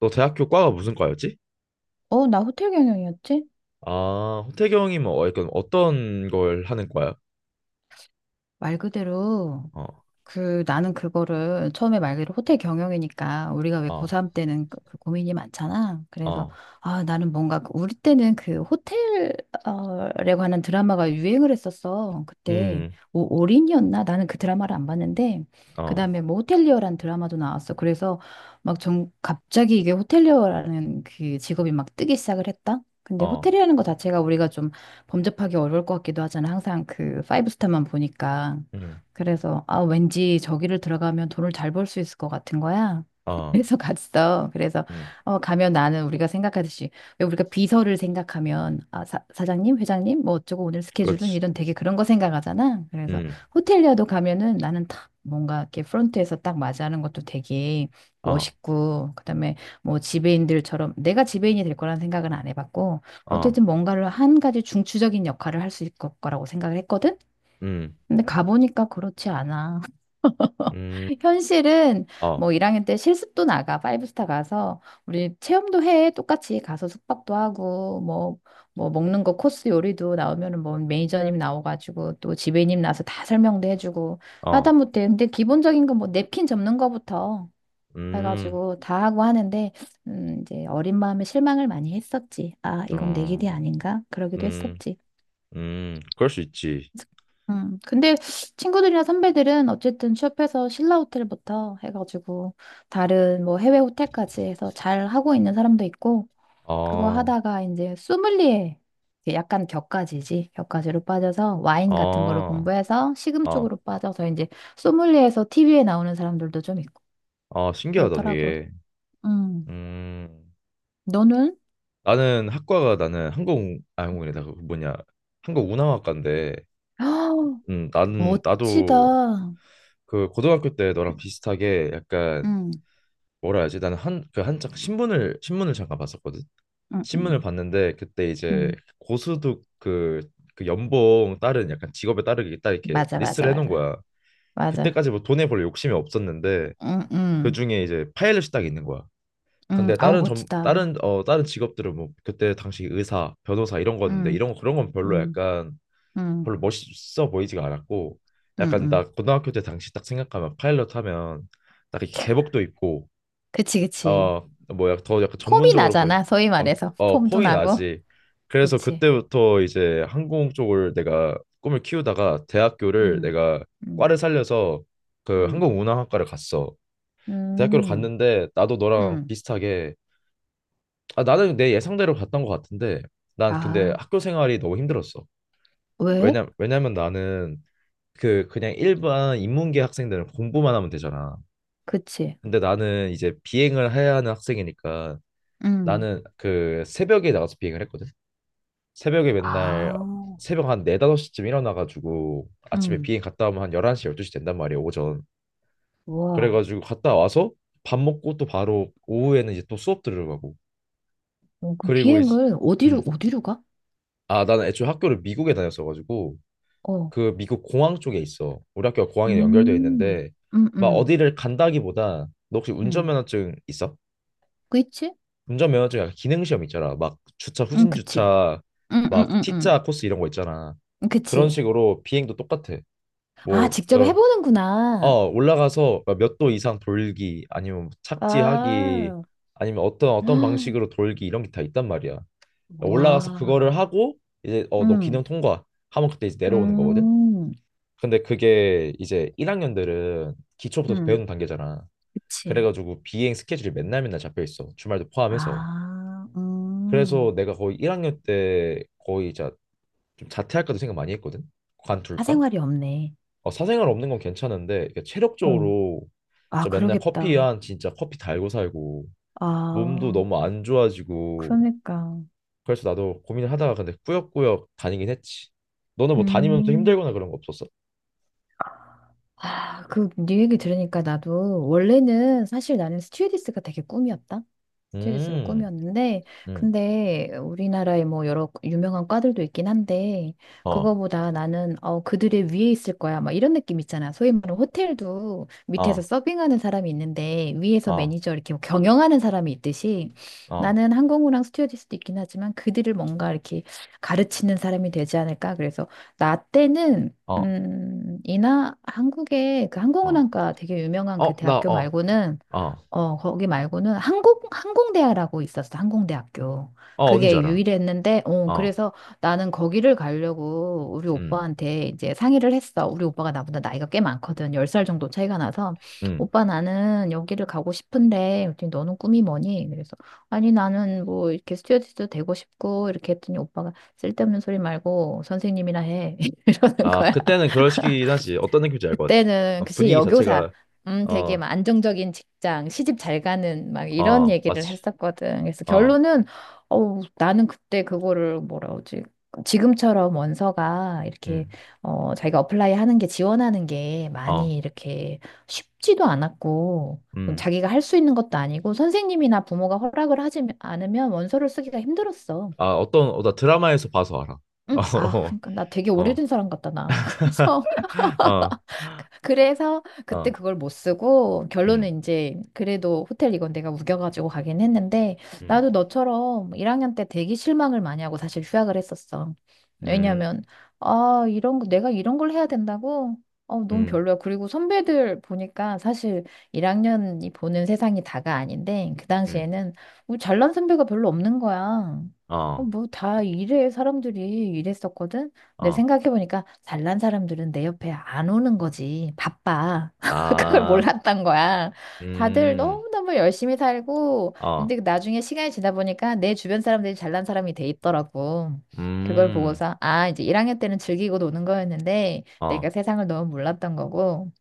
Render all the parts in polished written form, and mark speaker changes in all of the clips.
Speaker 1: 너 대학교 과가 무슨 과였지?
Speaker 2: 나 호텔 경영이었지?
Speaker 1: 아, 호태경이 뭐 약간 어떤 걸 하는 과야?
Speaker 2: 말 그대로,
Speaker 1: 어,
Speaker 2: 그 나는 그거를 처음에 말 그대로 호텔 경영이니까 우리가 왜
Speaker 1: 어,
Speaker 2: 고3 때는 그 고민이 많잖아. 그래서
Speaker 1: 어,
Speaker 2: 아 나는 뭔가 우리 때는 그 호텔에 관한 드라마가 유행을 했었어. 그때
Speaker 1: 음,
Speaker 2: 올인이었나? 나는 그 드라마를 안 봤는데
Speaker 1: 어,
Speaker 2: 그다음에 뭐 호텔리어라는 드라마도 나왔어. 그래서 막 전 갑자기 이게 호텔리어라는 그 직업이 막 뜨기 시작을 했다. 근데
Speaker 1: 어,
Speaker 2: 호텔이라는 거 자체가 우리가 좀 범접하기 어려울 것 같기도 하잖아. 항상 그 파이브 스타만 보니까.
Speaker 1: 음,
Speaker 2: 그래서 아 왠지 저기를 들어가면 돈을 잘 벌 수 있을 것 같은 거야.
Speaker 1: 어,
Speaker 2: 그래서 갔어. 그래서
Speaker 1: 음,
Speaker 2: 어 가면 나는 우리가 생각하듯이 왜 우리가 비서를 생각하면 아 사장님, 회장님 뭐 어쩌고 오늘 스케줄은
Speaker 1: 그렇지,
Speaker 2: 이런 되게 그런 거 생각하잖아. 그래서
Speaker 1: 음,
Speaker 2: 호텔리아도 가면은 나는 딱 뭔가 이렇게 프론트에서 딱 맞이하는 것도 되게
Speaker 1: 어,
Speaker 2: 멋있고 그다음에 뭐 지배인들처럼 내가 지배인이 될 거라는 생각은 안 해봤고
Speaker 1: 어,
Speaker 2: 어쨌든 뭔가를 한 가지 중추적인 역할을 할 수 있을 거라고 생각을 했거든.
Speaker 1: 음,
Speaker 2: 근데 가보니까 그렇지 않아.
Speaker 1: 음,
Speaker 2: 현실은
Speaker 1: 어,
Speaker 2: 뭐 1학년 때 실습도 나가, 파이브스타 가서 우리 체험도 해. 똑같이 가서 숙박도 하고 뭐 뭐 먹는 거 코스 요리도 나오면은 뭐 매니저님 나와가지고 또 지배님 나서 다 설명도 해주고
Speaker 1: 어,
Speaker 2: 하다못해 근데 기본적인 건 뭐 냅킨 접는 거부터
Speaker 1: 음,
Speaker 2: 해가지고 다 하고 하는데 이제 어린 마음에 실망을 많이 했었지. 아 이건 내
Speaker 1: 어,
Speaker 2: 길이 아닌가? 그러기도
Speaker 1: 음,
Speaker 2: 했었지.
Speaker 1: 그럴 수 있지.
Speaker 2: 근데 친구들이나 선배들은 어쨌든 취업해서 신라 호텔부터 해가지고 다른 뭐 해외 호텔까지 해서 잘 하고 있는 사람도 있고 그거
Speaker 1: 어,
Speaker 2: 하다가 이제 소믈리에 이제 약간 격가지지 격가지로 빠져서 와인 같은 거로
Speaker 1: 어,
Speaker 2: 공부해서 식음
Speaker 1: 어,
Speaker 2: 쪽으로 빠져서 이제 소믈리에에서 TV에 나오는 사람들도 좀 있고
Speaker 1: 어, 신기하다,
Speaker 2: 그렇더라고.
Speaker 1: 되게.
Speaker 2: 음,
Speaker 1: 음,
Speaker 2: 너는?
Speaker 1: 나는 항공, 아, 항공이다. 그 뭐냐, 한국 운항학과인데. 나는 나도
Speaker 2: 멋지다.
Speaker 1: 그 고등학교 때 너랑 비슷하게 약간
Speaker 2: 음,
Speaker 1: 뭐라 해야지? 나는 한 그 한창 신문을 잠깐 봤었거든.
Speaker 2: 음,
Speaker 1: 신문을
Speaker 2: 음,
Speaker 1: 봤는데 그때 이제
Speaker 2: 음.
Speaker 1: 고수득 그, 그 연봉 따른 약간 직업에 따르게 딱 이렇게
Speaker 2: 맞아, 맞아,
Speaker 1: 리스트를 해놓은
Speaker 2: 맞아,
Speaker 1: 거야.
Speaker 2: 맞아.
Speaker 1: 그때까지 뭐 돈에 별로 욕심이 없었는데
Speaker 2: 응,
Speaker 1: 그
Speaker 2: 응.
Speaker 1: 중에 이제 파일럿이 딱 있는 거야. 근데
Speaker 2: 아우,
Speaker 1: 다른 점
Speaker 2: 멋지다.
Speaker 1: 다른 어 다른 직업들은 뭐 그때 당시 의사, 변호사 이런 거였는데
Speaker 2: 음,
Speaker 1: 이런 거 그런 건 별로
Speaker 2: 음,
Speaker 1: 약간
Speaker 2: 음,
Speaker 1: 별로 멋있어 보이지가 않았고
Speaker 2: 음,
Speaker 1: 약간 나
Speaker 2: 음.
Speaker 1: 고등학교 때 당시 딱 생각하면 파일럿 하면 딱 이렇게 제복도 입고
Speaker 2: 그치, 그치.
Speaker 1: 어 뭐야 더 약간
Speaker 2: 폼이
Speaker 1: 전문적으로 보이
Speaker 2: 나잖아, 소위
Speaker 1: 어,
Speaker 2: 말해서. 폼도
Speaker 1: 폼이
Speaker 2: 나고.
Speaker 1: 나지 그래서
Speaker 2: 그치.
Speaker 1: 그때부터 이제 항공 쪽을 내가 꿈을 키우다가 대학교를
Speaker 2: 음,
Speaker 1: 내가
Speaker 2: 음,
Speaker 1: 과를 살려서 그
Speaker 2: 음,
Speaker 1: 항공운항학과를 갔어 대학교를
Speaker 2: 음,
Speaker 1: 갔는데 나도 너랑
Speaker 2: 음.
Speaker 1: 비슷하게 아 나는 내 예상대로 갔던 것 같은데 난 근데
Speaker 2: 아,
Speaker 1: 학교 생활이 너무 힘들었어
Speaker 2: 왜?
Speaker 1: 왜냐면 나는 그 그냥 일반 인문계 학생들은 공부만 하면 되잖아.
Speaker 2: 그치.
Speaker 1: 근데 나는 이제 비행을 해야 하는 학생이니까
Speaker 2: 음,
Speaker 1: 나는 그 새벽에 나가서 비행을 했거든. 새벽에 맨날
Speaker 2: 아,
Speaker 1: 새벽 한 4, 5시쯤 일어나가지고 아침에
Speaker 2: 음,
Speaker 1: 비행 갔다 오면 한 11시, 12시 된단 말이야, 오전.
Speaker 2: 와.
Speaker 1: 그래가지고 갔다 와서 밥 먹고 또 바로 오후에는 이제 또 수업 들으러 가고.
Speaker 2: 어, 그
Speaker 1: 그리고 이제,
Speaker 2: 비행을
Speaker 1: 음.
Speaker 2: 어디로 가?
Speaker 1: 아, 나는 애초에 학교를 미국에 다녔어가지고
Speaker 2: 어,
Speaker 1: 그 미국 공항 쪽에 있어. 우리 학교 가 공항에 연결되어
Speaker 2: 음,
Speaker 1: 있는데
Speaker 2: 음,
Speaker 1: 막
Speaker 2: 음,
Speaker 1: 어디를 간다기보다 너 혹시
Speaker 2: 음.
Speaker 1: 운전면허증 있어?
Speaker 2: 그치?
Speaker 1: 운전면허증 약간 기능 시험 있잖아. 막 주차
Speaker 2: 응,
Speaker 1: 후진
Speaker 2: 그치.
Speaker 1: 주차
Speaker 2: 음, 음,
Speaker 1: 막
Speaker 2: 음, 음.
Speaker 1: T자 코스 이런 거 있잖아. 그런
Speaker 2: 그치.
Speaker 1: 식으로 비행도 똑같아.
Speaker 2: 아,
Speaker 1: 뭐
Speaker 2: 직접 해보는구나.
Speaker 1: 올라가서 몇 도 이상 돌기 아니면 뭐 착지하기
Speaker 2: 아,
Speaker 1: 아니면 어떤
Speaker 2: 헉,
Speaker 1: 방식으로 돌기 이런 게 다 있단 말이야. 올라가서
Speaker 2: 와,
Speaker 1: 그거를 하고 이제 너 기능
Speaker 2: 음,
Speaker 1: 통과 하면 그때 이제 내려오는 거거든.
Speaker 2: 음,
Speaker 1: 근데 그게 이제 1학년들은 기초부터
Speaker 2: 음,
Speaker 1: 배우는 단계잖아.
Speaker 2: 그치.
Speaker 1: 그래가지고 비행 스케줄이 맨날 맨날 잡혀 있어. 주말도 포함해서.
Speaker 2: 아,
Speaker 1: 그래서 내가 거의 1학년 때 좀 자퇴할까도 생각 많이 했거든. 관둘까?
Speaker 2: 사생활이 없네.
Speaker 1: 어, 사생활 없는 건 괜찮은데 이게
Speaker 2: 어,
Speaker 1: 체력적으로
Speaker 2: 아,
Speaker 1: 진짜 맨날 커피
Speaker 2: 그러겠다.
Speaker 1: 한 진짜 커피 달고 살고 몸도
Speaker 2: 아,
Speaker 1: 너무 안 좋아지고
Speaker 2: 그러니까,
Speaker 1: 그래서 나도 고민을 하다가 근데 꾸역꾸역 다니긴 했지. 너는 뭐 다니면서
Speaker 2: 음.
Speaker 1: 힘들거나 그런 거 없었어?
Speaker 2: 아, 그, 네 얘기 들으니까 나도, 원래는 사실 나는 스튜어디스가 되게 꿈이었다. 스튜어디스가
Speaker 1: 음,
Speaker 2: 꿈이었는데,
Speaker 1: 음,
Speaker 2: 근데 우리나라에 뭐 여러 유명한 과들도 있긴 한데,
Speaker 1: 어,
Speaker 2: 그거보다 나는, 어, 그들의 위에 있을 거야. 막 이런 느낌 있잖아. 소위 말하는 호텔도 밑에서
Speaker 1: 어,
Speaker 2: 서빙하는 사람이 있는데, 위에서
Speaker 1: 어,
Speaker 2: 매니저 이렇게 뭐 경영하는 사람이 있듯이,
Speaker 1: 어.
Speaker 2: 나는 항공우랑 스튜어디스도 있긴 하지만, 그들을 뭔가 이렇게 가르치는 사람이 되지 않을까. 그래서, 나 때는,
Speaker 1: 어,
Speaker 2: 이나 한국에 그
Speaker 1: 어,
Speaker 2: 항공운항과 되게 유명한 그
Speaker 1: 어, 나,
Speaker 2: 대학교
Speaker 1: 어,
Speaker 2: 말고는
Speaker 1: 어, 어,
Speaker 2: 어 거기 말고는 항공대학이라고 있었어 항공대학교
Speaker 1: 어딘 지
Speaker 2: 그게
Speaker 1: 알아.
Speaker 2: 유일했는데 어
Speaker 1: 어,
Speaker 2: 그래서 나는 거기를 가려고 우리
Speaker 1: 음,
Speaker 2: 오빠한테 이제 상의를 했어 우리 오빠가 나보다 나이가 꽤 많거든 10살 정도 차이가 나서
Speaker 1: 음.
Speaker 2: 오빠 나는 여기를 가고 싶은데 그랬더니 너는 꿈이 뭐니 그래서 아니 나는 뭐 이렇게 스튜어디스도 되고 싶고 이렇게 했더니 오빠가 쓸데없는 소리 말고 선생님이나 해 이러는
Speaker 1: 아,
Speaker 2: 거야
Speaker 1: 그때는 그럴 시기긴 하지. 어떤 느낌인지 알 것 같아.
Speaker 2: 그때는
Speaker 1: 어,
Speaker 2: 글씨
Speaker 1: 분위기
Speaker 2: 여교사,
Speaker 1: 자체가,
Speaker 2: 되게
Speaker 1: 어,
Speaker 2: 막 안정적인 직장, 시집 잘 가는 막 이런
Speaker 1: 어,
Speaker 2: 얘기를
Speaker 1: 맞지.
Speaker 2: 했었거든. 그래서
Speaker 1: 어,
Speaker 2: 결론은 어, 나는 그때 그거를 뭐라 그러지? 지금처럼 원서가 이렇게
Speaker 1: 음,
Speaker 2: 어, 자기가 어플라이 하는 게 지원하는 게
Speaker 1: 어,
Speaker 2: 많이 이렇게 쉽지도 않았고 뭐
Speaker 1: 음.
Speaker 2: 자기가 할 수 있는 것도 아니고 선생님이나 부모가 허락을 하지 않으면 원서를 쓰기가 힘들었어.
Speaker 1: 아, 나 드라마에서 봐서 알아.
Speaker 2: 응, 아, 그러니까 나 되게
Speaker 1: 어, 어,
Speaker 2: 오래된 사람 같다, 나. 그래서
Speaker 1: 어,
Speaker 2: 그래서 그때
Speaker 1: 어,
Speaker 2: 그걸 못 쓰고
Speaker 1: 음,
Speaker 2: 결론은 이제 그래도 호텔 이건 내가 우겨가지고 가긴 했는데
Speaker 1: 음,
Speaker 2: 나도 너처럼 1학년 때 되게 실망을 많이 하고 사실 휴학을 했었어.
Speaker 1: 음,
Speaker 2: 왜냐면 아 이런 거 내가 이런 걸 해야 된다고? 어 너무
Speaker 1: 음,
Speaker 2: 별로야. 그리고 선배들 보니까 사실 1학년이 보는 세상이 다가 아닌데 그
Speaker 1: 음,
Speaker 2: 당시에는 우리 잘난 선배가 별로 없는 거야. 어,
Speaker 1: 어,
Speaker 2: 뭐다 이래 사람들이 이랬었거든. 근데
Speaker 1: 어,
Speaker 2: 생각해보니까 잘난 사람들은 내 옆에 안 오는 거지. 바빠. 그걸 몰
Speaker 1: 아,
Speaker 2: 랐던 거야. 다들
Speaker 1: 음,
Speaker 2: 너무너무 열심히 살고,
Speaker 1: 어,
Speaker 2: 근데 그 나중에 시간이 지나 보니까 내 주변 사람들이 잘난 사람이 돼 있더라고. 그걸
Speaker 1: 음,
Speaker 2: 보고서, 아, 이제 1학년 때는 즐기고 노는 거였는데, 내가
Speaker 1: 어,
Speaker 2: 세상을 너무 몰랐던 거고.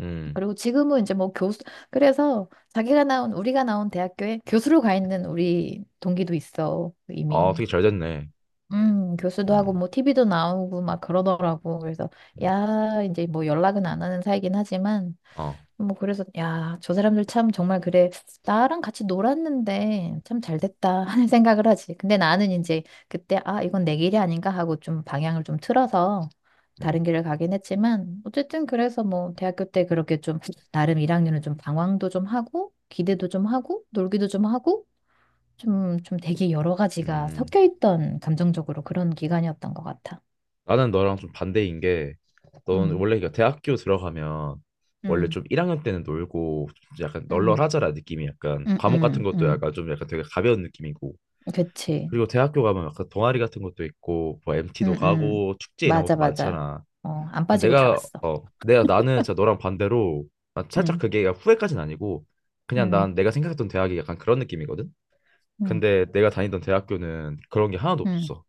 Speaker 1: 음.
Speaker 2: 그리고 지금은 이제 뭐 교수, 그래서 자기가 나온, 우리가 나온 대학교에 교수로 가 있는 우리 동기도 있어,
Speaker 1: 어,
Speaker 2: 이미.
Speaker 1: 되게 잘 됐네.
Speaker 2: 교수도 하고
Speaker 1: 음,
Speaker 2: 뭐 TV도 나오고 막 그러더라고. 그래서
Speaker 1: 음,
Speaker 2: 야, 이제 뭐 연락은 안 하는 사이긴 하지만
Speaker 1: 어.
Speaker 2: 뭐 그래서 야, 저 사람들 참 정말 그래. 나랑 같이 놀았는데 참 잘 됐다 하는 생각을 하지. 근데 나는 이제 그때 아, 이건 내 길이 아닌가 하고 좀 방향을 좀 틀어서
Speaker 1: 음,
Speaker 2: 다른 길을 가긴 했지만 어쨌든 그래서 뭐 대학교 때 그렇게 좀 나름 1학년은 좀 방황도 좀 하고 기대도 좀 하고 놀기도 좀 하고 좀 되게 여러 가지가
Speaker 1: 음.
Speaker 2: 섞여 있던 감정적으로 그런 기간이었던 것 같아.
Speaker 1: 나는 너랑 좀 반대인 게, 넌
Speaker 2: 응,
Speaker 1: 원래 이거 대학교 들어가면 원래
Speaker 2: 응,
Speaker 1: 좀 1학년 때는 놀고 좀 약간
Speaker 2: 응,
Speaker 1: 널널하잖아 느낌이 약간
Speaker 2: 응,
Speaker 1: 과목 같은
Speaker 2: 응,
Speaker 1: 것도
Speaker 2: 응.
Speaker 1: 약간 좀 약간 되게 가벼운 느낌이고
Speaker 2: 그치.
Speaker 1: 그리고 대학교 가면 약간 동아리 같은 것도 있고 뭐 MT도
Speaker 2: 응, 응.
Speaker 1: 가고 축제 이런
Speaker 2: 맞아,
Speaker 1: 것도
Speaker 2: 맞아.
Speaker 1: 많잖아.
Speaker 2: 어, 안
Speaker 1: 근데
Speaker 2: 빠지고 다
Speaker 1: 내가
Speaker 2: 갔어.
Speaker 1: 어 내가 나는 진짜 너랑 반대로 난 살짝
Speaker 2: 응,
Speaker 1: 그게 후회까지는 아니고 그냥
Speaker 2: 응,
Speaker 1: 난 내가 생각했던 대학이 약간 그런 느낌이거든.
Speaker 2: 응,
Speaker 1: 근데 내가 다니던 대학교는 그런 게 하나도
Speaker 2: 응.
Speaker 1: 없었어.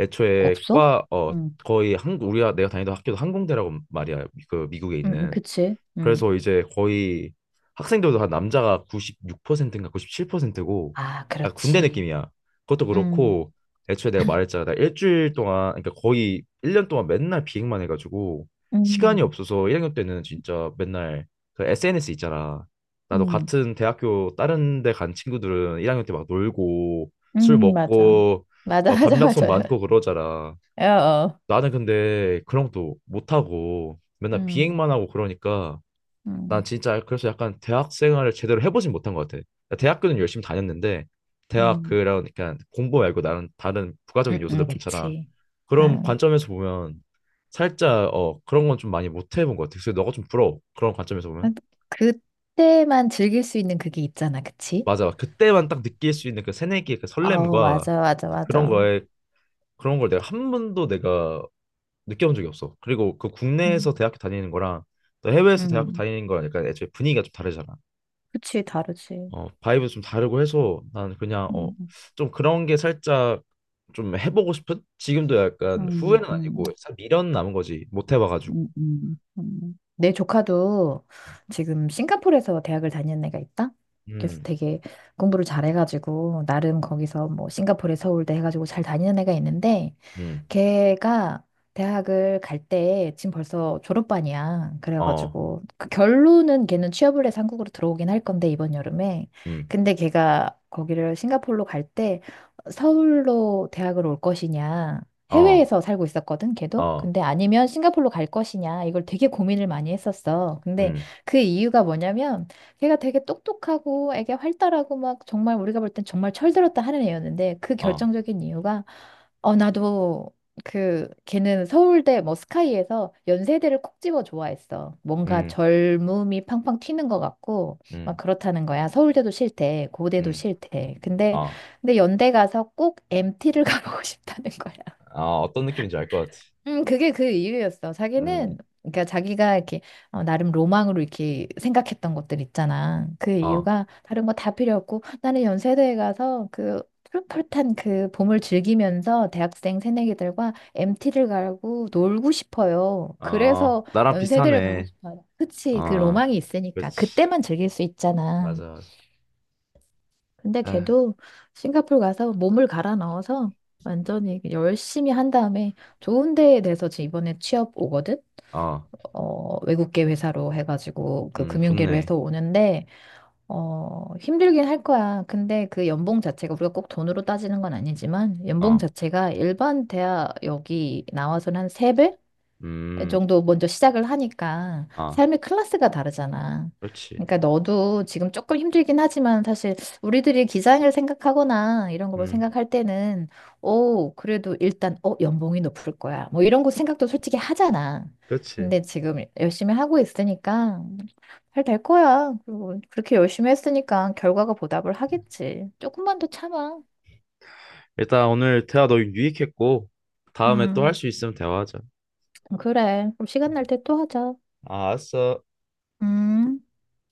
Speaker 1: 애초에
Speaker 2: 없어?
Speaker 1: 과 어
Speaker 2: 응,
Speaker 1: 거의 한국 우리가 내가 다니던 학교도 항공대라고 말이야 그 미국에
Speaker 2: 응,
Speaker 1: 있는
Speaker 2: 그치. 응.
Speaker 1: 그래서 이제 거의 학생들도 한 남자가 96%인가 97%고
Speaker 2: 아,
Speaker 1: 약간 군대
Speaker 2: 그렇지.
Speaker 1: 느낌이야. 그것도
Speaker 2: 응,
Speaker 1: 그렇고 애초에 내가 말했잖아. 나 일주일 동안 그러니까 거의 1년 동안 맨날 비행만 해가지고 시간이
Speaker 2: 응,
Speaker 1: 없어서 1학년 때는 진짜 맨날 그 SNS 있잖아. 나도
Speaker 2: 응,
Speaker 1: 같은 대학교 다른 데 간 친구들은 1학년 때 막 놀고 술
Speaker 2: 응, 맞아.
Speaker 1: 먹고
Speaker 2: 맞아,
Speaker 1: 막
Speaker 2: 맞아,
Speaker 1: 밤약속
Speaker 2: 맞아.
Speaker 1: 많고 그러잖아.
Speaker 2: 어, 어.
Speaker 1: 나는 근데 그런 것도 못하고 맨날
Speaker 2: 응,
Speaker 1: 비행만 하고 그러니까 난
Speaker 2: 응,
Speaker 1: 진짜 그래서 약간 대학 생활을 제대로 해보진 못한 것 같아. 그러니까 대학교는 열심히 다녔는데 대학
Speaker 2: 응,
Speaker 1: 그런 그까 공부 말고 나는 다른 부가적인
Speaker 2: 응,
Speaker 1: 요소들
Speaker 2: 응,
Speaker 1: 많잖아.
Speaker 2: 그치.
Speaker 1: 그런
Speaker 2: 응.
Speaker 1: 관점에서 보면 살짝 그런 건 좀 많이 못 해본 것 같아. 그래서 너가 좀 부러워. 그런 관점에서 보면.
Speaker 2: 아, 그때만 즐길 수 있는 그게 있잖아, 그치?
Speaker 1: 맞아. 그때만 딱 느낄 수 있는 그 새내기의 그
Speaker 2: 아
Speaker 1: 설렘과
Speaker 2: 맞아, 맞아,
Speaker 1: 그런
Speaker 2: 맞아.
Speaker 1: 거에 그런 걸 내가 한 번도 내가 느껴본 적이 없어. 그리고 그
Speaker 2: 음.
Speaker 1: 국내에서 대학교 다니는 거랑 또 해외에서 대학교
Speaker 2: 음,
Speaker 1: 다니는 거랑 약간 애초에 분위기가 좀 다르잖아.
Speaker 2: 그치, 다르지.
Speaker 1: 어, 바이브도 좀 다르고 해서 난 그냥
Speaker 2: 음,
Speaker 1: 좀 그런 게 살짝 좀 해보고 싶은? 지금도 약간
Speaker 2: 음,
Speaker 1: 후회는 아니고
Speaker 2: 음,
Speaker 1: 살짝 미련 남은 거지 못 해봐가지고
Speaker 2: 음. 내 조카도 지금 싱가포르에서 대학을 다니는 애가 있다? 그래서
Speaker 1: 음,
Speaker 2: 되게 공부를 잘해가지고, 나름 거기서 뭐 싱가포르에 서울대 해가지고 잘 다니는 애가 있는데,
Speaker 1: 음,
Speaker 2: 걔가 대학을 갈 때 지금 벌써 졸업반이야.
Speaker 1: 어,
Speaker 2: 그래가지고 그 결론은 걔는 취업을 해서 한국으로 들어오긴 할 건데 이번 여름에.
Speaker 1: 음,
Speaker 2: 근데 걔가 거기를 싱가포르로 갈 때 서울로 대학을 올 것이냐.
Speaker 1: 어,
Speaker 2: 해외에서 살고 있었거든, 걔도.
Speaker 1: 어,
Speaker 2: 근데 아니면 싱가포르로 갈 것이냐. 이걸 되게 고민을 많이 했었어. 근데
Speaker 1: 음,
Speaker 2: 그 이유가 뭐냐면 걔가 되게 똑똑하고 애게 활달하고 막 정말 우리가 볼 땐 정말 철들었다 하는 애였는데 그
Speaker 1: 어,
Speaker 2: 결정적인 이유가 어, 나도 그 걔는 서울대 뭐 스카이에서 연세대를 콕 집어 좋아했어. 뭔가
Speaker 1: 음,
Speaker 2: 젊음이 팡팡 튀는 것 같고 막
Speaker 1: 음,
Speaker 2: 그렇다는 거야. 서울대도 싫대, 고대도
Speaker 1: 음,
Speaker 2: 싫대. 근데
Speaker 1: 어,
Speaker 2: 근데 연대 가서 꼭 MT를 가보고 싶다는 거야.
Speaker 1: 아 어떤 느낌인지 알 것 같아
Speaker 2: 그게 그 이유였어.
Speaker 1: 음,
Speaker 2: 자기는, 그러니까 자기가 이렇게, 어, 나름 로망으로 이렇게 생각했던 것들 있잖아. 그
Speaker 1: 어,
Speaker 2: 이유가 다른 거 다 필요 없고, 나는 연세대에 가서 그 푸릇푸릇한 그 봄을 즐기면서 대학생 새내기들과 MT를 가고 놀고 싶어요.
Speaker 1: 어,
Speaker 2: 그래서
Speaker 1: 나랑
Speaker 2: 연세대를 가고
Speaker 1: 비슷하네
Speaker 2: 싶어요. 그치, 그
Speaker 1: 어,
Speaker 2: 로망이 있으니까.
Speaker 1: 그렇지
Speaker 2: 그때만 즐길 수 있잖아.
Speaker 1: 맞아 맞아
Speaker 2: 근데
Speaker 1: 아,
Speaker 2: 걔도 싱가포르 가서 몸을 갈아 넣어서 완전히 열심히 한 다음에 좋은 데에 대해서 지금 이번에 취업 오거든?
Speaker 1: 어,
Speaker 2: 어, 외국계 회사로 해가지고 그 금융계로
Speaker 1: 좋네
Speaker 2: 해서 오는데, 어, 힘들긴 할 거야. 근데 그 연봉 자체가 우리가 꼭 돈으로 따지는 건 아니지만 연봉
Speaker 1: 어,
Speaker 2: 자체가 일반 대학 여기 나와서는 한세배
Speaker 1: 음,
Speaker 2: 정도 먼저 시작을 하니까
Speaker 1: 아,
Speaker 2: 삶의 클래스가 다르잖아.
Speaker 1: 그렇지
Speaker 2: 그러니까 너도 지금 조금 힘들긴 하지만 사실 우리들이 기장을 생각하거나 이런 걸
Speaker 1: 음,
Speaker 2: 생각할 때는 오, 그래도 일단 어, 연봉이 높을 거야. 뭐 이런 거 생각도 솔직히 하잖아.
Speaker 1: 그렇지
Speaker 2: 근데 지금 열심히 하고 있으니까 잘 될 거야. 그리고 그렇게 열심히 했으니까 결과가 보답을 하겠지. 조금만 더 참아.
Speaker 1: 일단 오늘 대화 너무 유익했고 다음에 또 할
Speaker 2: 음.
Speaker 1: 수 있으면 대화하자.
Speaker 2: 그래. 그럼 시간 날 때 또 하자.
Speaker 1: 아, 알았어.
Speaker 2: 음.